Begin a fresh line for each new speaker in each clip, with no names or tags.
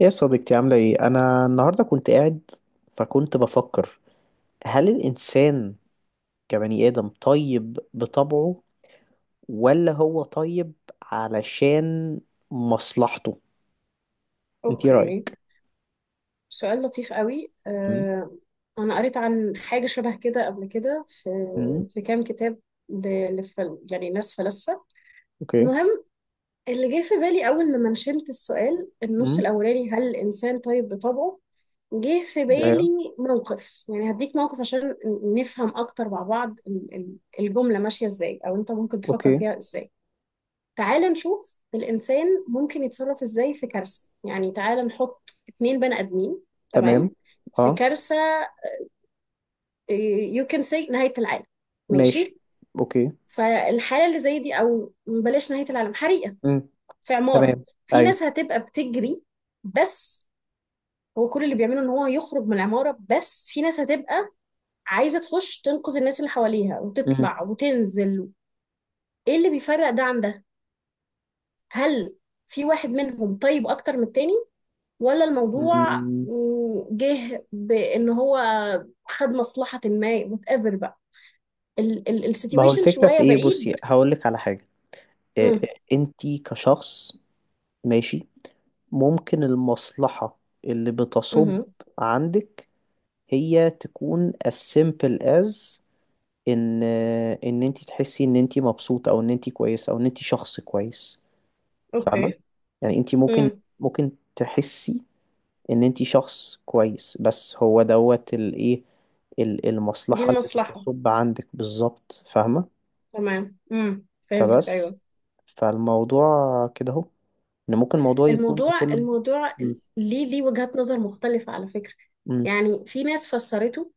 يا صديقتي، عاملة ايه؟ أنا النهاردة كنت قاعد، فكنت بفكر، هل الإنسان كبني آدم طيب بطبعه، ولا هو طيب علشان مصلحته؟ انت ايه
اوكي.
رأيك؟
سؤال لطيف قوي
مم.
انا قريت عن حاجه شبه كده قبل كده في
مم.
في كام كتاب. لفل يعني ناس فلاسفه.
اوكي.
المهم، اللي جه في بالي اول لما نشنت السؤال، النص
مم.
الاولاني، هل الانسان طيب بطبعه؟ جه في
ايوه.
بالي موقف، يعني هديك موقف عشان نفهم اكتر مع بعض الجمله ماشيه ازاي، او انت ممكن تفكر
اوكي.
فيها ازاي. تعال نشوف الإنسان ممكن يتصرف إزاي في كارثة، يعني تعال نحط اتنين بني آدمين.
تمام.
تمام. في
اه.
كارثة، يو كان سي نهاية العالم.
ماشي.
ماشي.
اوكي.
فالحالة اللي زي دي، أو بلاش نهاية العالم، حريقة
مم.
في
تمام.
عمارة. في ناس
ايوه.
هتبقى بتجري بس هو كل اللي بيعمله إن هو يخرج من العمارة، بس في ناس هتبقى عايزة تخش تنقذ الناس اللي حواليها
مم.
وتطلع وتنزل. إيه اللي بيفرق ده عن ده؟ هل في واحد منهم طيب أكتر من التاني، ولا الموضوع
مم.
جه بان هو خد مصلحة، ما وات ايفر بقى.
ما هو
السيتويشن
الفكرة
شوية
في ايه؟ بصي،
بعيد.
هقولك على حاجة. إيه،
امم.
انت كشخص، ماشي، ممكن المصلحة اللي بتصب
امم.
عندك هي تكون as simple as ان ان انت تحسي ان انت مبسوطة، او ان انت كويسة، او ان انت شخص كويس. فاهمة؟
اوكي.
يعني انت ممكن
امم.
ممكن تحسي ان انت شخص كويس، بس هو دوت الايه،
دي
المصلحة اللي
المصلحة،
بتصب عندك بالظبط. فاهمة؟
تمام، امم، فهمتك،
فبس،
ايوه.
فالموضوع كده اهو، ان ممكن الموضوع يكون
الموضوع
بكل
الموضوع
م-
ليه وجهات نظر مختلفة على فكرة.
م-
يعني في ناس فسرته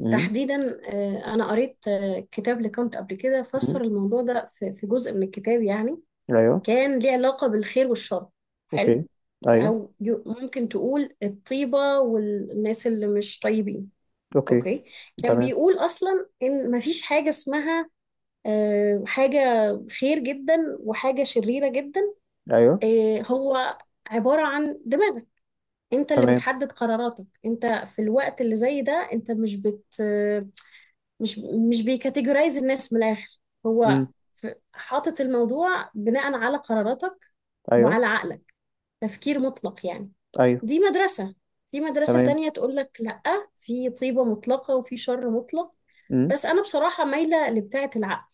م-
تحديدا، انا قريت كتاب لكانت قبل كده،
م-
فسر الموضوع ده في جزء من الكتاب، يعني
ايوه.
كان ليه علاقة بالخير والشر. حلو.
اوكي. ايوه.
أو ممكن تقول الطيبة والناس اللي مش طيبين.
اوكي.
أوكي. كان
تمام.
بيقول أصلا إن مفيش حاجة اسمها حاجة خير جدا وحاجة شريرة جدا.
ايوه.
هو عبارة عن دماغك، أنت اللي
تمام.
بتحدد قراراتك. أنت في الوقت اللي زي ده أنت مش بت مش مش بيكاتيجورايز الناس من الاخر. هو
امم.
ف- حاطط الموضوع بناء على قراراتك
ايوه.
وعلى عقلك، تفكير مطلق يعني.
ايوه.
دي مدرسة. في مدرسة
تمام.
تانية تقول لك لأ، في طيبة مطلقة وفي شر مطلق.
امم.
بس أنا بصراحة مايلة لبتاعة العقل.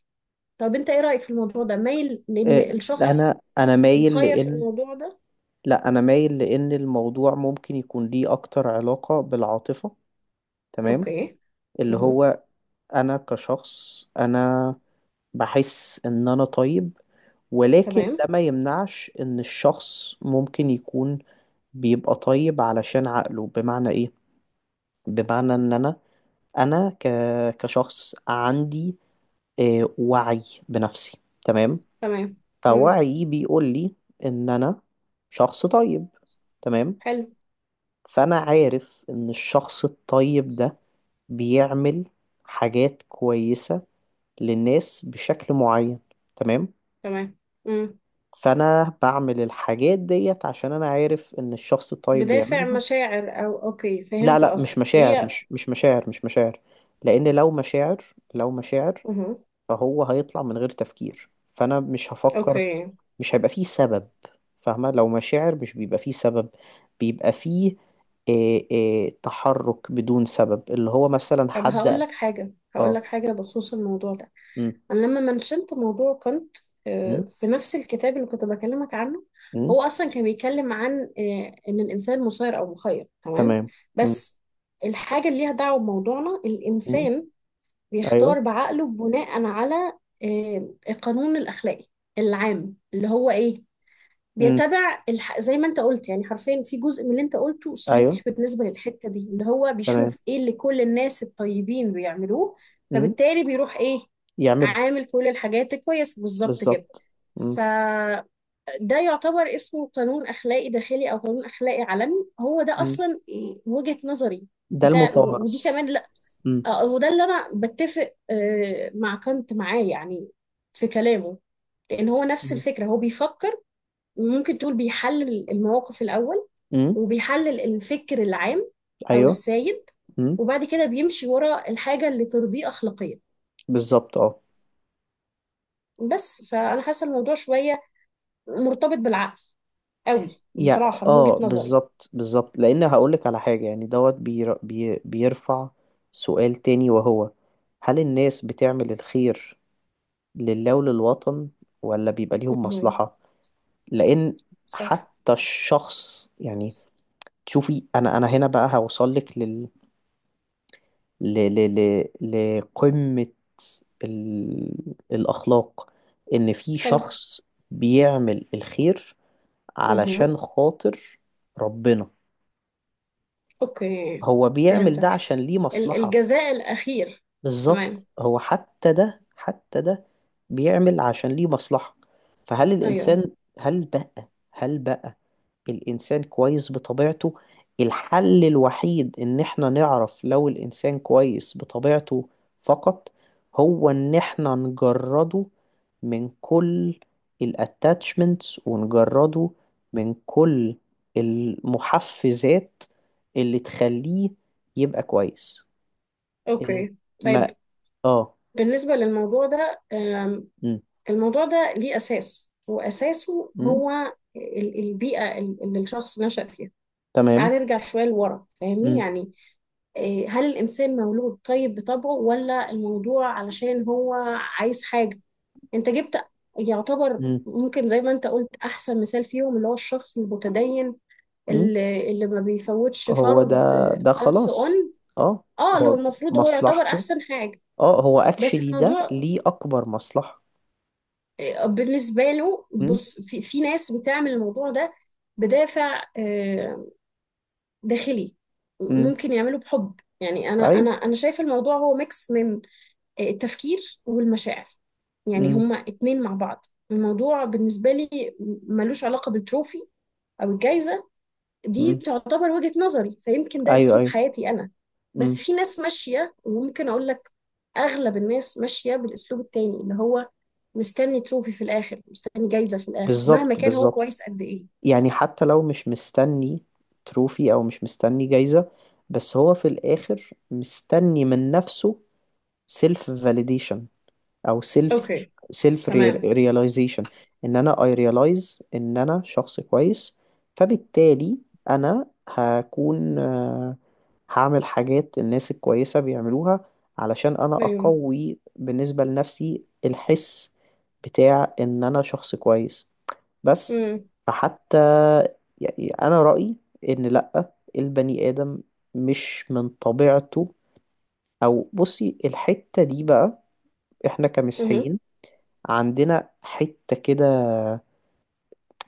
طب أنت إيه رأيك في الموضوع ده؟ مايل لأن الشخص
انا مايل
مخير في
لان،
الموضوع ده؟
لا، انا مايل لان الموضوع ممكن يكون ليه اكتر علاقة بالعاطفة. تمام.
أوكي.
اللي
مه.
هو انا كشخص، انا بحس ان انا طيب، ولكن
تمام.
ده ما يمنعش ان الشخص ممكن يكون بيبقى طيب علشان عقله. بمعنى ايه؟ بمعنى ان انا كشخص عندي وعي بنفسي. تمام.
تمام. مم.
فوعيي بيقول لي ان انا شخص طيب. تمام.
حلو.
فانا عارف ان الشخص الطيب ده بيعمل حاجات كويسة للناس بشكل معين. تمام.
تمام. مم.
فانا بعمل الحاجات ديت عشان انا عارف ان الشخص الطيب
بدافع
بيعملها.
مشاعر او اوكي،
لا،
فهمت
لا، مش
قصدك
مشاعر،
هي.
مش مشاعر، مش مشاعر، لان لو مشاعر
مه.
فهو هيطلع من غير تفكير، فانا مش هفكر في.
اوكي.
مش هيبقى فيه سبب. فاهمة؟ لو مشاعر مش بيبقى فيه سبب، بيبقى فيه إيه تحرك بدون سبب، اللي هو مثلا
طب هقول
حد.
لك حاجه هقول لك
اه.
حاجه بخصوص الموضوع ده.
أم،
انا لما منشنت موضوع كنت،
أم،
في نفس الكتاب اللي كنت بكلمك عنه،
أم.
هو اصلا كان بيتكلم عن ان الانسان مسير او مخير. تمام.
تمام. أم.
بس الحاجه اللي ليها دعوه بموضوعنا،
أم.
الانسان
ايوه.
بيختار بعقله بناء على القانون الاخلاقي العام، اللي هو ايه،
أم.
بيتابع زي ما انت قلت. يعني حرفيا في جزء من اللي انت قلته صحيح
ايوه.
بالنسبة للحتة دي، اللي هو
تمام.
بيشوف ايه اللي كل الناس الطيبين بيعملوه،
أم،
فبالتالي بيروح ايه،
يعمله.
عامل كل الحاجات كويس بالظبط كده.
بالظبط. أم.
فده يعتبر اسمه قانون أخلاقي داخلي أو قانون أخلاقي عالمي، هو ده
أم،
أصلا إيه وجهة نظري
ده
بتاع ودي
المتوارث.
كمان لا.
أم.
وده اللي أنا بتفق مع كانت معاه، يعني في كلامه. لأن هو نفس
أم.
الفكرة، هو بيفكر، وممكن تقول بيحلل المواقف الأول
أم.
وبيحلل الفكر العام أو
ايوه.
السائد،
أم.
وبعد كده بيمشي ورا الحاجة اللي ترضيه أخلاقيا.
بالظبط. اه.
بس فأنا حاسة الموضوع شوية مرتبط بالعقل قوي،
يعني
بصراحة من وجهة
اه
نظري.
بالظبط، بالظبط، لان هقولك على حاجة يعني دوت بيرفع سؤال تاني، وهو هل الناس بتعمل الخير لله وللوطن، ولا بيبقى ليهم
مهم.
مصلحة؟ لان
صح.
حتى الشخص، يعني تشوفي، انا هنا بقى هوصلك لل ل... ل... لقمة، الاخلاق. ان في
حلو.
شخص بيعمل الخير
مهم.
علشان خاطر ربنا،
أوكي،
هو بيعمل ده
فهمتك،
عشان ليه مصلحة.
الجزاء الأخير. تمام.
بالظبط، هو حتى ده، حتى ده بيعمل عشان ليه مصلحة. فهل
أيوه.
الإنسان، هل بقى الإنسان كويس بطبيعته؟ الحل الوحيد إن إحنا نعرف لو الإنسان كويس بطبيعته فقط، هو إن إحنا نجرده من كل الاتاتشمنتس، ونجرده من كل المحفزات اللي تخليه يبقى كويس. إن
أوكي. طيب
ما آه
بالنسبة للموضوع ده،
م.
الموضوع ده ليه أساس، وأساسه
م.
هو البيئة اللي الشخص نشأ فيها.
تمام.
تعال نرجع شوية لورا، فاهمني
م.
يعني. إيه، هل الإنسان مولود طيب بطبعه، ولا الموضوع علشان هو عايز حاجة؟ أنت جبت يعتبر
م.
ممكن زي ما أنت قلت أحسن مثال فيهم، اللي هو الشخص المتدين
م.
اللي ما بيفوتش
هو ده.
فرض،
ده
and so
خلاص.
on.
آه.
اه، اللي هو
هو
المفروض هو يعتبر
مصلحته.
أحسن حاجة.
اه هو
بس
اكشلي ده
الموضوع
ليه اكبر مصلحة.
بالنسبة له.
امم.
بص، في ناس بتعمل الموضوع ده بدافع داخلي،
امم.
ممكن يعمله بحب. يعني أنا أنا
ايوه.
أنا شايفة الموضوع هو ميكس من التفكير والمشاعر، يعني
امم.
هما اتنين مع بعض. الموضوع بالنسبة لي ملوش علاقة بالتروفي أو الجايزة. دي
امم.
تعتبر وجهة نظري، فيمكن ده
ايوه.
اسلوب
ايوه.
حياتي انا. بس
امم.
في ناس ماشية، وممكن اقول لك اغلب الناس ماشية بالاسلوب التاني، اللي هو مستني تروفي في الاخر، مستني جايزة في الاخر، مهما
بالظبط،
كان هو
بالظبط.
كويس قد ايه.
يعني حتى لو مش مستني تروفي او مش مستني جايزة، بس هو في الاخر مستني من نفسه سيلف validation، او سيلف
اوكي.
سيلف
تمام.
رياليزيشن. ان انا اي ريلايز ان انا شخص كويس، فبالتالي انا هكون هعمل حاجات الناس الكويسة بيعملوها علشان انا
ايوه.
اقوي بالنسبة لنفسي الحس بتاع ان انا شخص كويس بس.
امم.
فحتى، يعني انا رأيي ان لأ، البني آدم مش من طبيعته. او بصي، الحتة دي بقى احنا
امم.
كمسيحيين عندنا حتة كده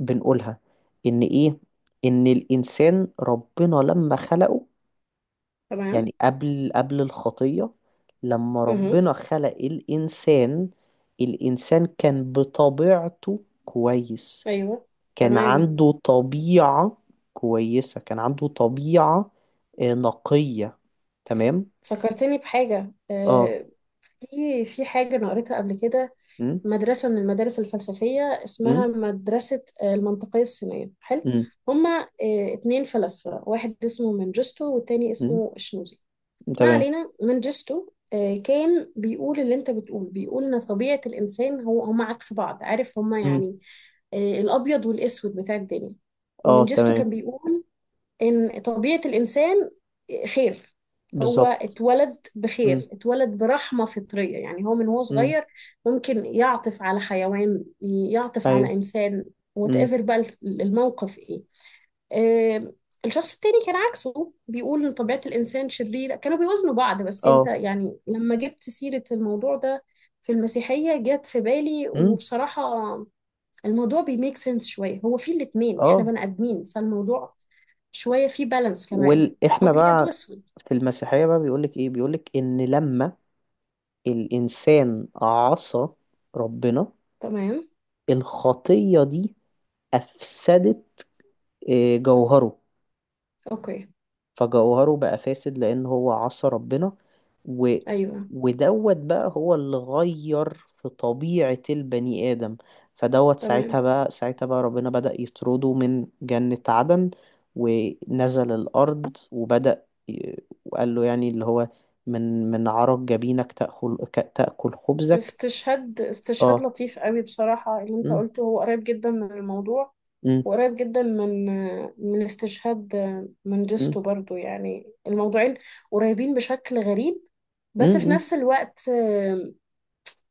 بنقولها. إن إيه، إن الإنسان ربنا لما خلقه،
تمام.
يعني قبل الخطية، لما
امم.
ربنا خلق الإنسان، الإنسان كان بطبيعته كويس.
ايوه.
كان
تمام.
عنده طبيعة كويسة، كان عنده طبيعة نقية. تمام.
فكرتني بحاجة،
اه.
في حاجة أنا قريتها قبل كده،
م؟
مدرسة من المدارس الفلسفية
م؟
اسمها مدرسة المنطقية الصينية. حلو.
م؟
هما اتنين فلاسفة، واحد اسمه منجستو والتاني
م؟
اسمه شنوزي. ما
تمام.
علينا، منجستو كان بيقول اللي انت بتقول، بيقول ان طبيعة الانسان، هو هما عكس بعض، عارف، هما
م؟
يعني الابيض والاسود بتاع الدنيا.
اه
منجستو
تمام.
كان بيقول إن طبيعة الإنسان خير، هو
بالظبط.
اتولد
م؟
بخير، اتولد برحمة فطرية، يعني هو من هو
م؟
صغير ممكن يعطف على حيوان، يعطف على إنسان،
ايوه.
whatever بقى الموقف إيه. آه، الشخص التاني كان عكسه، بيقول إن طبيعة الإنسان شريرة، كانوا بيوزنوا بعض. بس أنت
اه.
يعني لما جبت سيرة الموضوع ده في المسيحية جت في بالي،
امم.
وبصراحة الموضوع بيميك سنس شوية، هو في الاتنين احنا
اه.
بني آدمين، فالموضوع شوية فيه بالانس كمان،
احنا
أبيض
بقى
وأسود.
في المسيحية بقى بيقولك ايه؟ بيقولك ان لما الانسان عصى ربنا،
تمام.
الخطية دي افسدت جوهره.
أوكي.
فجوهره بقى فاسد لأن هو عصى ربنا و.
أيوه.
ودوت بقى هو اللي غير في طبيعة البني آدم. فدوت ساعتها
تمام.
بقى، ربنا بدأ يطرده من جنة عدن، ونزل الأرض، وبدأ وقال له يعني اللي هو من عرق جبينك تأكل تأكل خبزك.
استشهاد، استشهاد
اه.
لطيف قوي بصراحة، اللي انت
م-
قلته هو قريب جدا من الموضوع،
م-
وقريب جدا من استشهاد من
م-
جستو برضو، يعني الموضوعين قريبين بشكل غريب.
م-
بس في
م-
نفس الوقت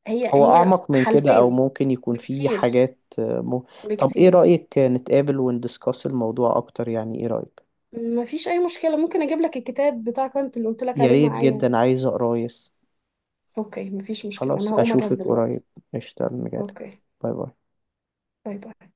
هي
هو
هي
أعمق من كده، أو
حالتين.
ممكن يكون فيه
بكتير
حاجات م. طب إيه
بكتير.
رأيك نتقابل وندسكاس الموضوع أكتر؟ يعني إيه رأيك؟
مفيش اي مشكله، ممكن اجيب لك الكتاب بتاع كانت اللي قلت لك
يا
عليه
ريت،
معايا.
جدا عايز أقرايس.
اوكي. مفيش مشكله، انا
خلاص،
هقوم اجهز
أشوفك
دلوقتي.
قريب. قشطة أنا جايلك.
اوكي.
باي باي.
باي باي.